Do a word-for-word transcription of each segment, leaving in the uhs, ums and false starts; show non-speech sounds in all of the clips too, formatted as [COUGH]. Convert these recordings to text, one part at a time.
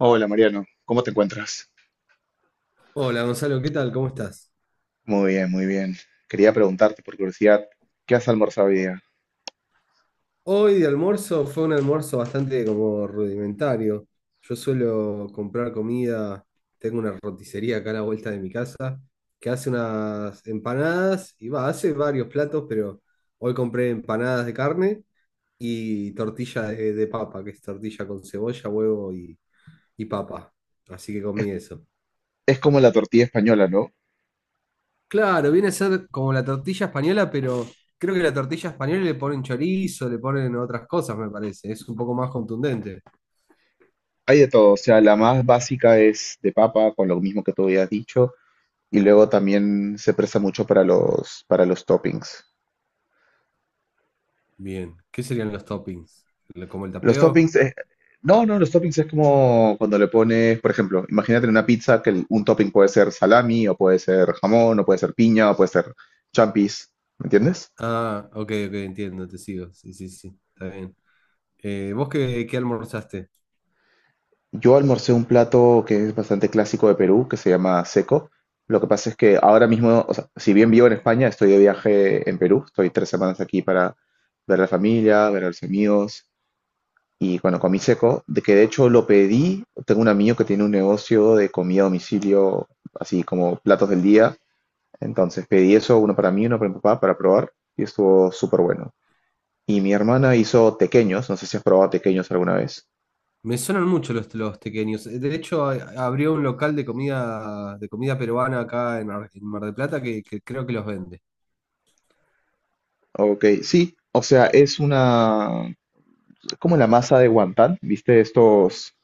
Hola Mariano, ¿cómo te encuentras? Hola Gonzalo, ¿qué tal? ¿Cómo estás? Muy bien, muy bien. Quería preguntarte por curiosidad, ¿qué has almorzado hoy día? Hoy de almuerzo fue un almuerzo bastante como rudimentario. Yo suelo comprar comida, tengo una roticería acá a la vuelta de mi casa que hace unas empanadas y va, hace varios platos, pero hoy compré empanadas de carne y tortilla de, de papa, que es tortilla con cebolla, huevo y, y papa. Así que comí eso. Es como la tortilla española, ¿no? Claro, viene a ser como la tortilla española, pero creo que la tortilla española le ponen chorizo, le ponen otras cosas, me parece. Es un poco más contundente. Hay de todo, o sea, la más básica es de papa, con lo mismo que tú habías dicho, y luego también se presta mucho para los, para los toppings. Bien, ¿qué serían los toppings? ¿Lo- ¿Como el Los tapeo? toppings, es- no, no, los toppings es como cuando le pones, por ejemplo, imagínate en una pizza que el- un topping puede ser salami, o puede ser jamón, o puede ser piña, o puede ser champis, ¿me entiendes? Ah, ok, ok, entiendo, te sigo. Sí, sí, sí, está bien. Eh, ¿vos qué, qué almorzaste? Yo almorcé un plato que es bastante clásico de Perú, que se llama seco. Lo que pasa es que ahora mismo, o sea, si bien vivo en España, estoy de viaje en Perú. Estoy tres semanas aquí para ver a la familia, ver a los amigos. Y bueno, comí seco, de que de hecho lo pedí. Tengo un amigo que tiene un negocio de comida a domicilio, así como platos del día. Entonces pedí eso, uno para mí, uno para mi papá, para probar. Y estuvo súper bueno. Y mi hermana hizo tequeños. No sé si has probado tequeños alguna vez. Me sonan mucho los, los tequeños. Eh, De hecho, a- abrió un local de comida, de comida peruana acá en, Ar- en Mar del Plata que, que creo que los vende. Ok, sí. O sea, es una como la masa de wonton, ¿viste? Estos,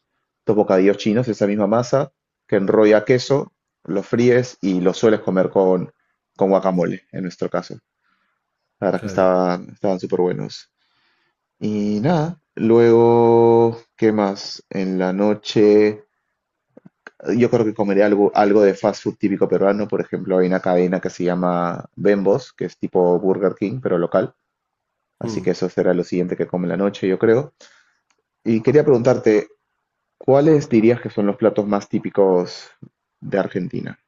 estos bocadillos chinos, esa misma masa que enrolla queso, lo fríes y lo sueles comer con, con guacamole, en nuestro caso. La verdad es que Claro. estaban, estaban súper buenos. Y nada, luego, ¿qué más? En la noche, yo creo que comeré algo, algo de fast food típico peruano. Por ejemplo, hay una cadena que se llama Bembos, que es tipo Burger King, pero local. Así que eso será lo siguiente que come en la noche, yo creo. Y quería preguntarte, ¿cuáles dirías que son los platos más típicos de Argentina?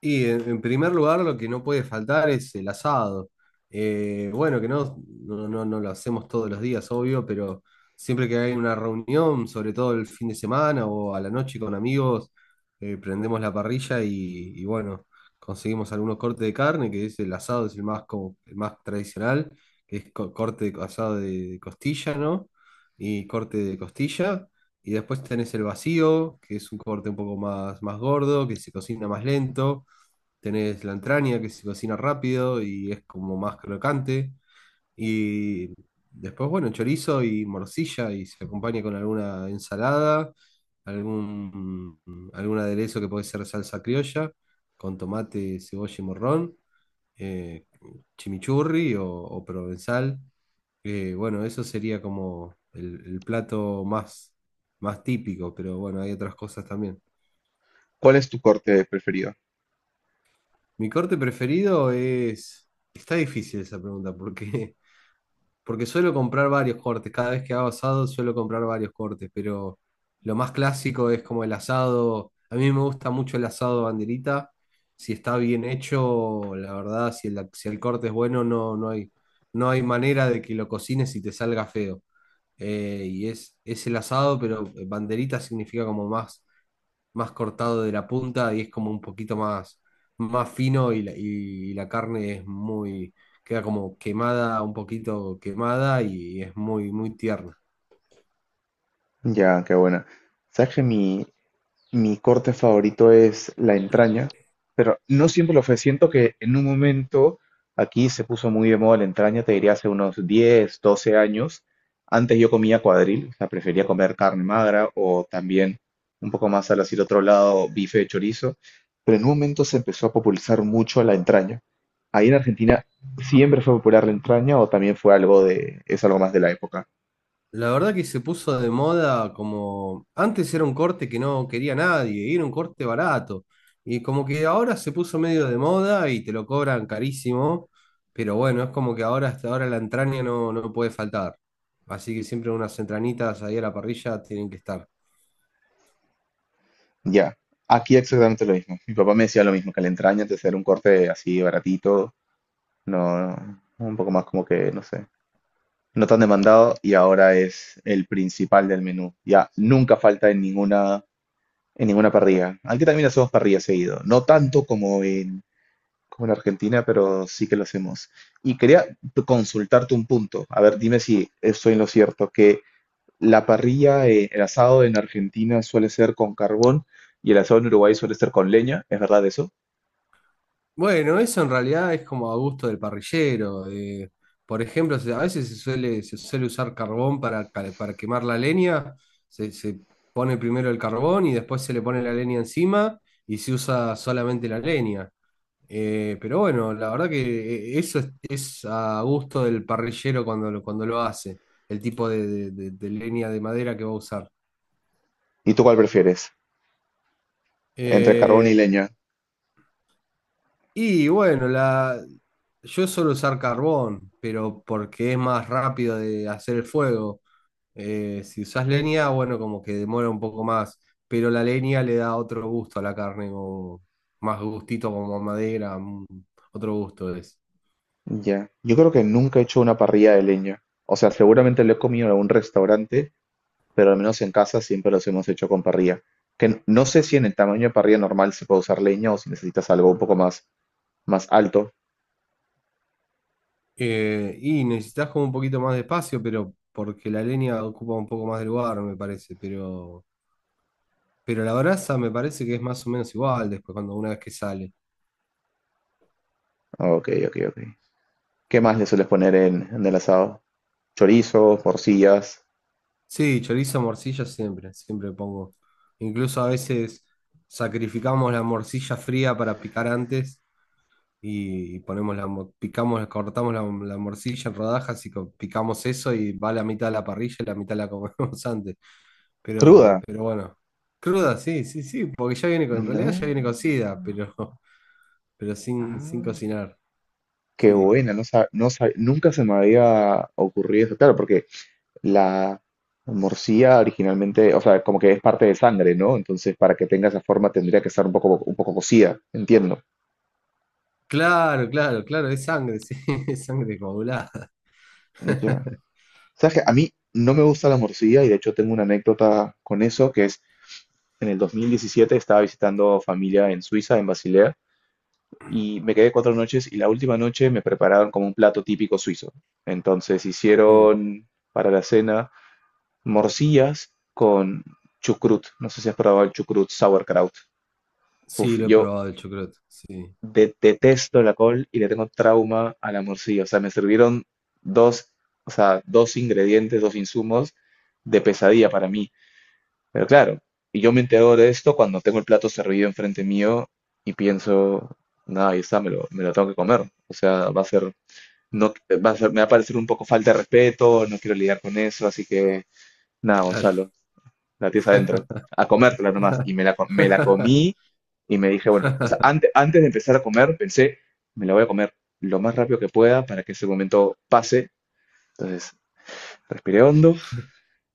Y en, en primer lugar, lo que no puede faltar es el asado. Eh, bueno, que no, no, no, no lo hacemos todos los días, obvio, pero siempre que hay una reunión, sobre todo el fin de semana o a la noche con amigos, eh, prendemos la parrilla y, y bueno, conseguimos algunos cortes de carne, que es el asado, es el más, como, el más tradicional, que es co- corte de, co- asado de, de costilla, ¿no? Y corte de costilla. Y después tenés el vacío, que es un corte un poco más, más gordo, que se cocina más lento. Tenés la entraña que se cocina rápido y es como más crocante. Y después, bueno, chorizo y morcilla y se acompaña con alguna ensalada, algún, algún aderezo que puede ser salsa criolla, con tomate, cebolla y morrón, eh, chimichurri o, o provenzal. Eh, bueno, eso sería como el, el plato más, más típico, pero bueno, hay otras cosas también. ¿Cuál es tu corte preferido? Mi corte preferido es... Está difícil esa pregunta, porque, [LAUGHS] porque suelo comprar varios cortes. Cada vez que hago asado suelo comprar varios cortes, pero lo más clásico es como el asado. A mí me gusta mucho el asado banderita. Si está bien hecho, la verdad, si el, si el corte es bueno, no, no hay, no hay manera de que lo cocines y te salga feo. Eh, y es, es el asado, pero banderita significa como más más cortado de la punta y es como un poquito más, más fino y la, y la carne es muy, queda como quemada, un poquito quemada y es muy, muy tierna. Ya, qué buena. ¿Sabes que mi, Mi corte favorito es la entraña, pero no siempre lo fue. Siento que en un momento aquí se puso muy de moda la entraña, te diría hace unos diez, doce años. Antes yo comía cuadril, o sea, prefería comer carne magra o también un poco más al hacia el otro lado, bife de chorizo, pero en un momento se empezó a popularizar mucho la entraña. Ahí en Argentina siempre fue popular la entraña o también fue algo de, es algo más de la época. La verdad que se puso de moda como antes era un corte que no quería nadie, y era un corte barato. Y como que ahora se puso medio de moda y te lo cobran carísimo, pero bueno, es como que ahora hasta ahora la entraña no, no puede faltar. Así que siempre unas entrañitas ahí a la parrilla tienen que estar. Ya, aquí exactamente lo mismo. Mi papá me decía lo mismo, que la entraña antes era un corte así baratito, no, un poco más como que, no sé, no tan demandado y ahora es el principal del menú. Ya, nunca falta en ninguna, en ninguna parrilla. Aquí también hacemos parrilla seguido, no tanto como en, como en Argentina, pero sí que lo hacemos. Y quería consultarte un punto, a ver, dime si estoy en lo cierto, que la parrilla, eh, el asado en Argentina suele ser con carbón y el asado en Uruguay suele ser con leña, ¿es verdad eso? Bueno, eso en realidad es como a gusto del parrillero. Eh, por ejemplo, se- a veces se suele, se suele usar carbón para, cal- para quemar la leña. Se, se pone primero el carbón y después se le pone la leña encima y se usa solamente la leña. Eh, pero bueno, la verdad que eh, eso es, es a gusto del parrillero cuando lo, cuando lo hace, el tipo de, de- de- de leña de madera que va a usar. ¿Y tú cuál prefieres? Entre carbón y Eh, leña. Y bueno, la... yo suelo usar carbón, pero porque es más rápido de hacer el fuego. Eh, si usas leña, bueno, como que demora un poco más, pero la leña le da otro gusto a la carne, como más gustito como a madera, mm, otro gusto es. Ya. Yo creo que nunca he hecho una parrilla de leña. O sea, seguramente lo he comido en algún restaurante, pero al menos en casa siempre los hemos hecho con parrilla. Que n- no sé si en el tamaño de parrilla normal se puede usar leña o si necesitas algo un poco más, más alto. Eh, y necesitas como un poquito más de espacio, pero porque la leña ocupa un poco más de lugar, me parece, pero, pero la brasa me parece que es más o menos igual después cuando una vez que sale. Ok, ok, ok. ¿Qué más le sueles poner en, en el asado? Chorizo, porcillas. Sí, chorizo, morcilla siempre, siempre pongo. Incluso a veces sacrificamos la morcilla fría para picar antes y ponemos la, mo- picamos, cortamos la, la morcilla en rodajas y co- picamos eso y va la mitad a la parrilla y la mitad la comemos [LAUGHS] antes. Pero, ¿Cruda? pero bueno, cruda, sí, sí, sí, porque ya viene con, en realidad ya No. viene cocida, pero, [LAUGHS] pero sin, sin Ah, cocinar, qué sí. buena, no sab- no sab- nunca se me había ocurrido eso, claro, porque la morcilla originalmente, o sea, como que es parte de sangre, ¿no? Entonces, para que tenga esa forma tendría que estar un poco, un poco cocida, entiendo. Claro, claro, claro, es sangre, sí, [LAUGHS] es sangre coagulada. Ya. ¿Sabes qué? A mí no me gusta la morcilla y de hecho tengo una anécdota con eso, que es en el dos mil diecisiete estaba visitando familia en Suiza, en Basilea, y me quedé cuatro noches y la última noche me prepararon como un plato típico suizo. Entonces Mm. hicieron para la cena morcillas con chucrut. No sé si has probado el chucrut sauerkraut. Sí, Uf, lo he yo probado el chocrot, sí, de- detesto la col y le tengo trauma a la morcilla. O sea, me sirvieron dos, o sea, dos ingredientes, dos insumos de pesadilla para mí. Pero claro, y yo me entero de esto cuando tengo el plato servido enfrente mío y pienso, nada, ahí está, me lo, me lo tengo que comer. O sea, va a ser, no, va a ser, me va a parecer un poco falta de respeto, no quiero lidiar con eso, así que nada, claro. Gonzalo, la tienes adentro, a comértela nomás. Y me [LAUGHS] la, co- me la comí y me dije, bueno, o sea, antes, antes de empezar a comer, pensé, me la voy a comer lo más rápido que pueda para que ese momento pase. Entonces, respiré hondo,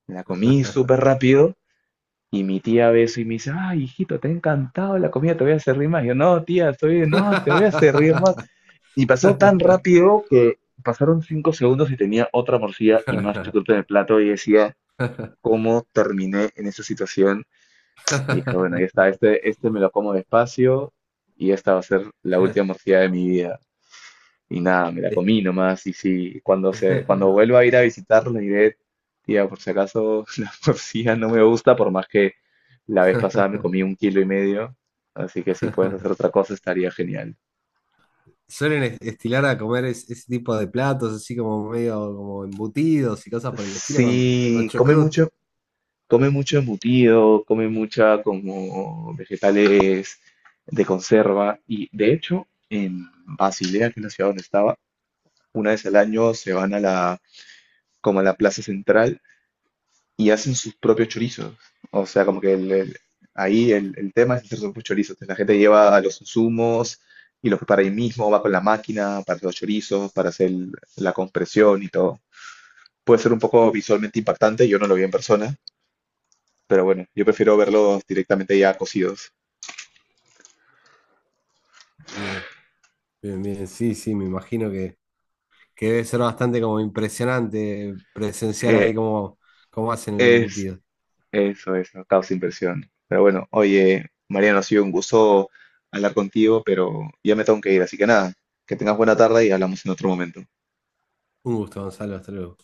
me la comí súper rápido y mi tía ve eso y me dice, ay, hijito, te ha encantado la comida, te voy a servir más. Yo, no, tía, estoy no, te voy a servir más. Y pasó tan rápido que pasaron cinco segundos y tenía otra morcilla y más chocolate en el plato y decía, ¿cómo terminé en esa situación? Y dije, bueno, ya está, este, este me lo como despacio y esta va a ser la última morcilla de mi vida. Y nada, me la Es- comí nomás. Y si cuando, se, cuando vuelva a ir a visitarlo, le diré, tía, por si acaso [LAUGHS] la morcilla no me gusta, por más que la vez pasada me comí un kilo y medio. Así que si puedes hacer otra cosa, estaría genial. Suelen es- estilar a comer es- ese tipo de platos, así como medio como embutidos y cosas por el estilo con, con Sí, come chocrut. mucho, come mucho embutido, come mucha como vegetales de conserva. Y de hecho, en Basilea, que es la ciudad donde estaba, una vez al año se van a la, como a la plaza central y hacen sus propios chorizos. O sea, como que el- el- ahí el, el tema es hacer sus propios chorizos. Entonces, la gente lleva a los insumos y los prepara ahí mismo, va con la máquina para hacer los chorizos, para hacer el- la compresión y todo. Puede ser un poco visualmente impactante, yo no lo vi en persona, pero bueno, yo prefiero verlos directamente ya cocidos. Bien, bien, bien, sí, sí, me imagino que, que debe ser bastante como impresionante presenciar Eh, ahí cómo, cómo hacen el es, embutido. Eso es, no causa inversión. Pero bueno, oye, Mariano, ha sido un gusto hablar contigo, pero ya me tengo que ir, así que nada, que tengas buena tarde y hablamos en otro momento. Un gusto, Gonzalo, hasta luego.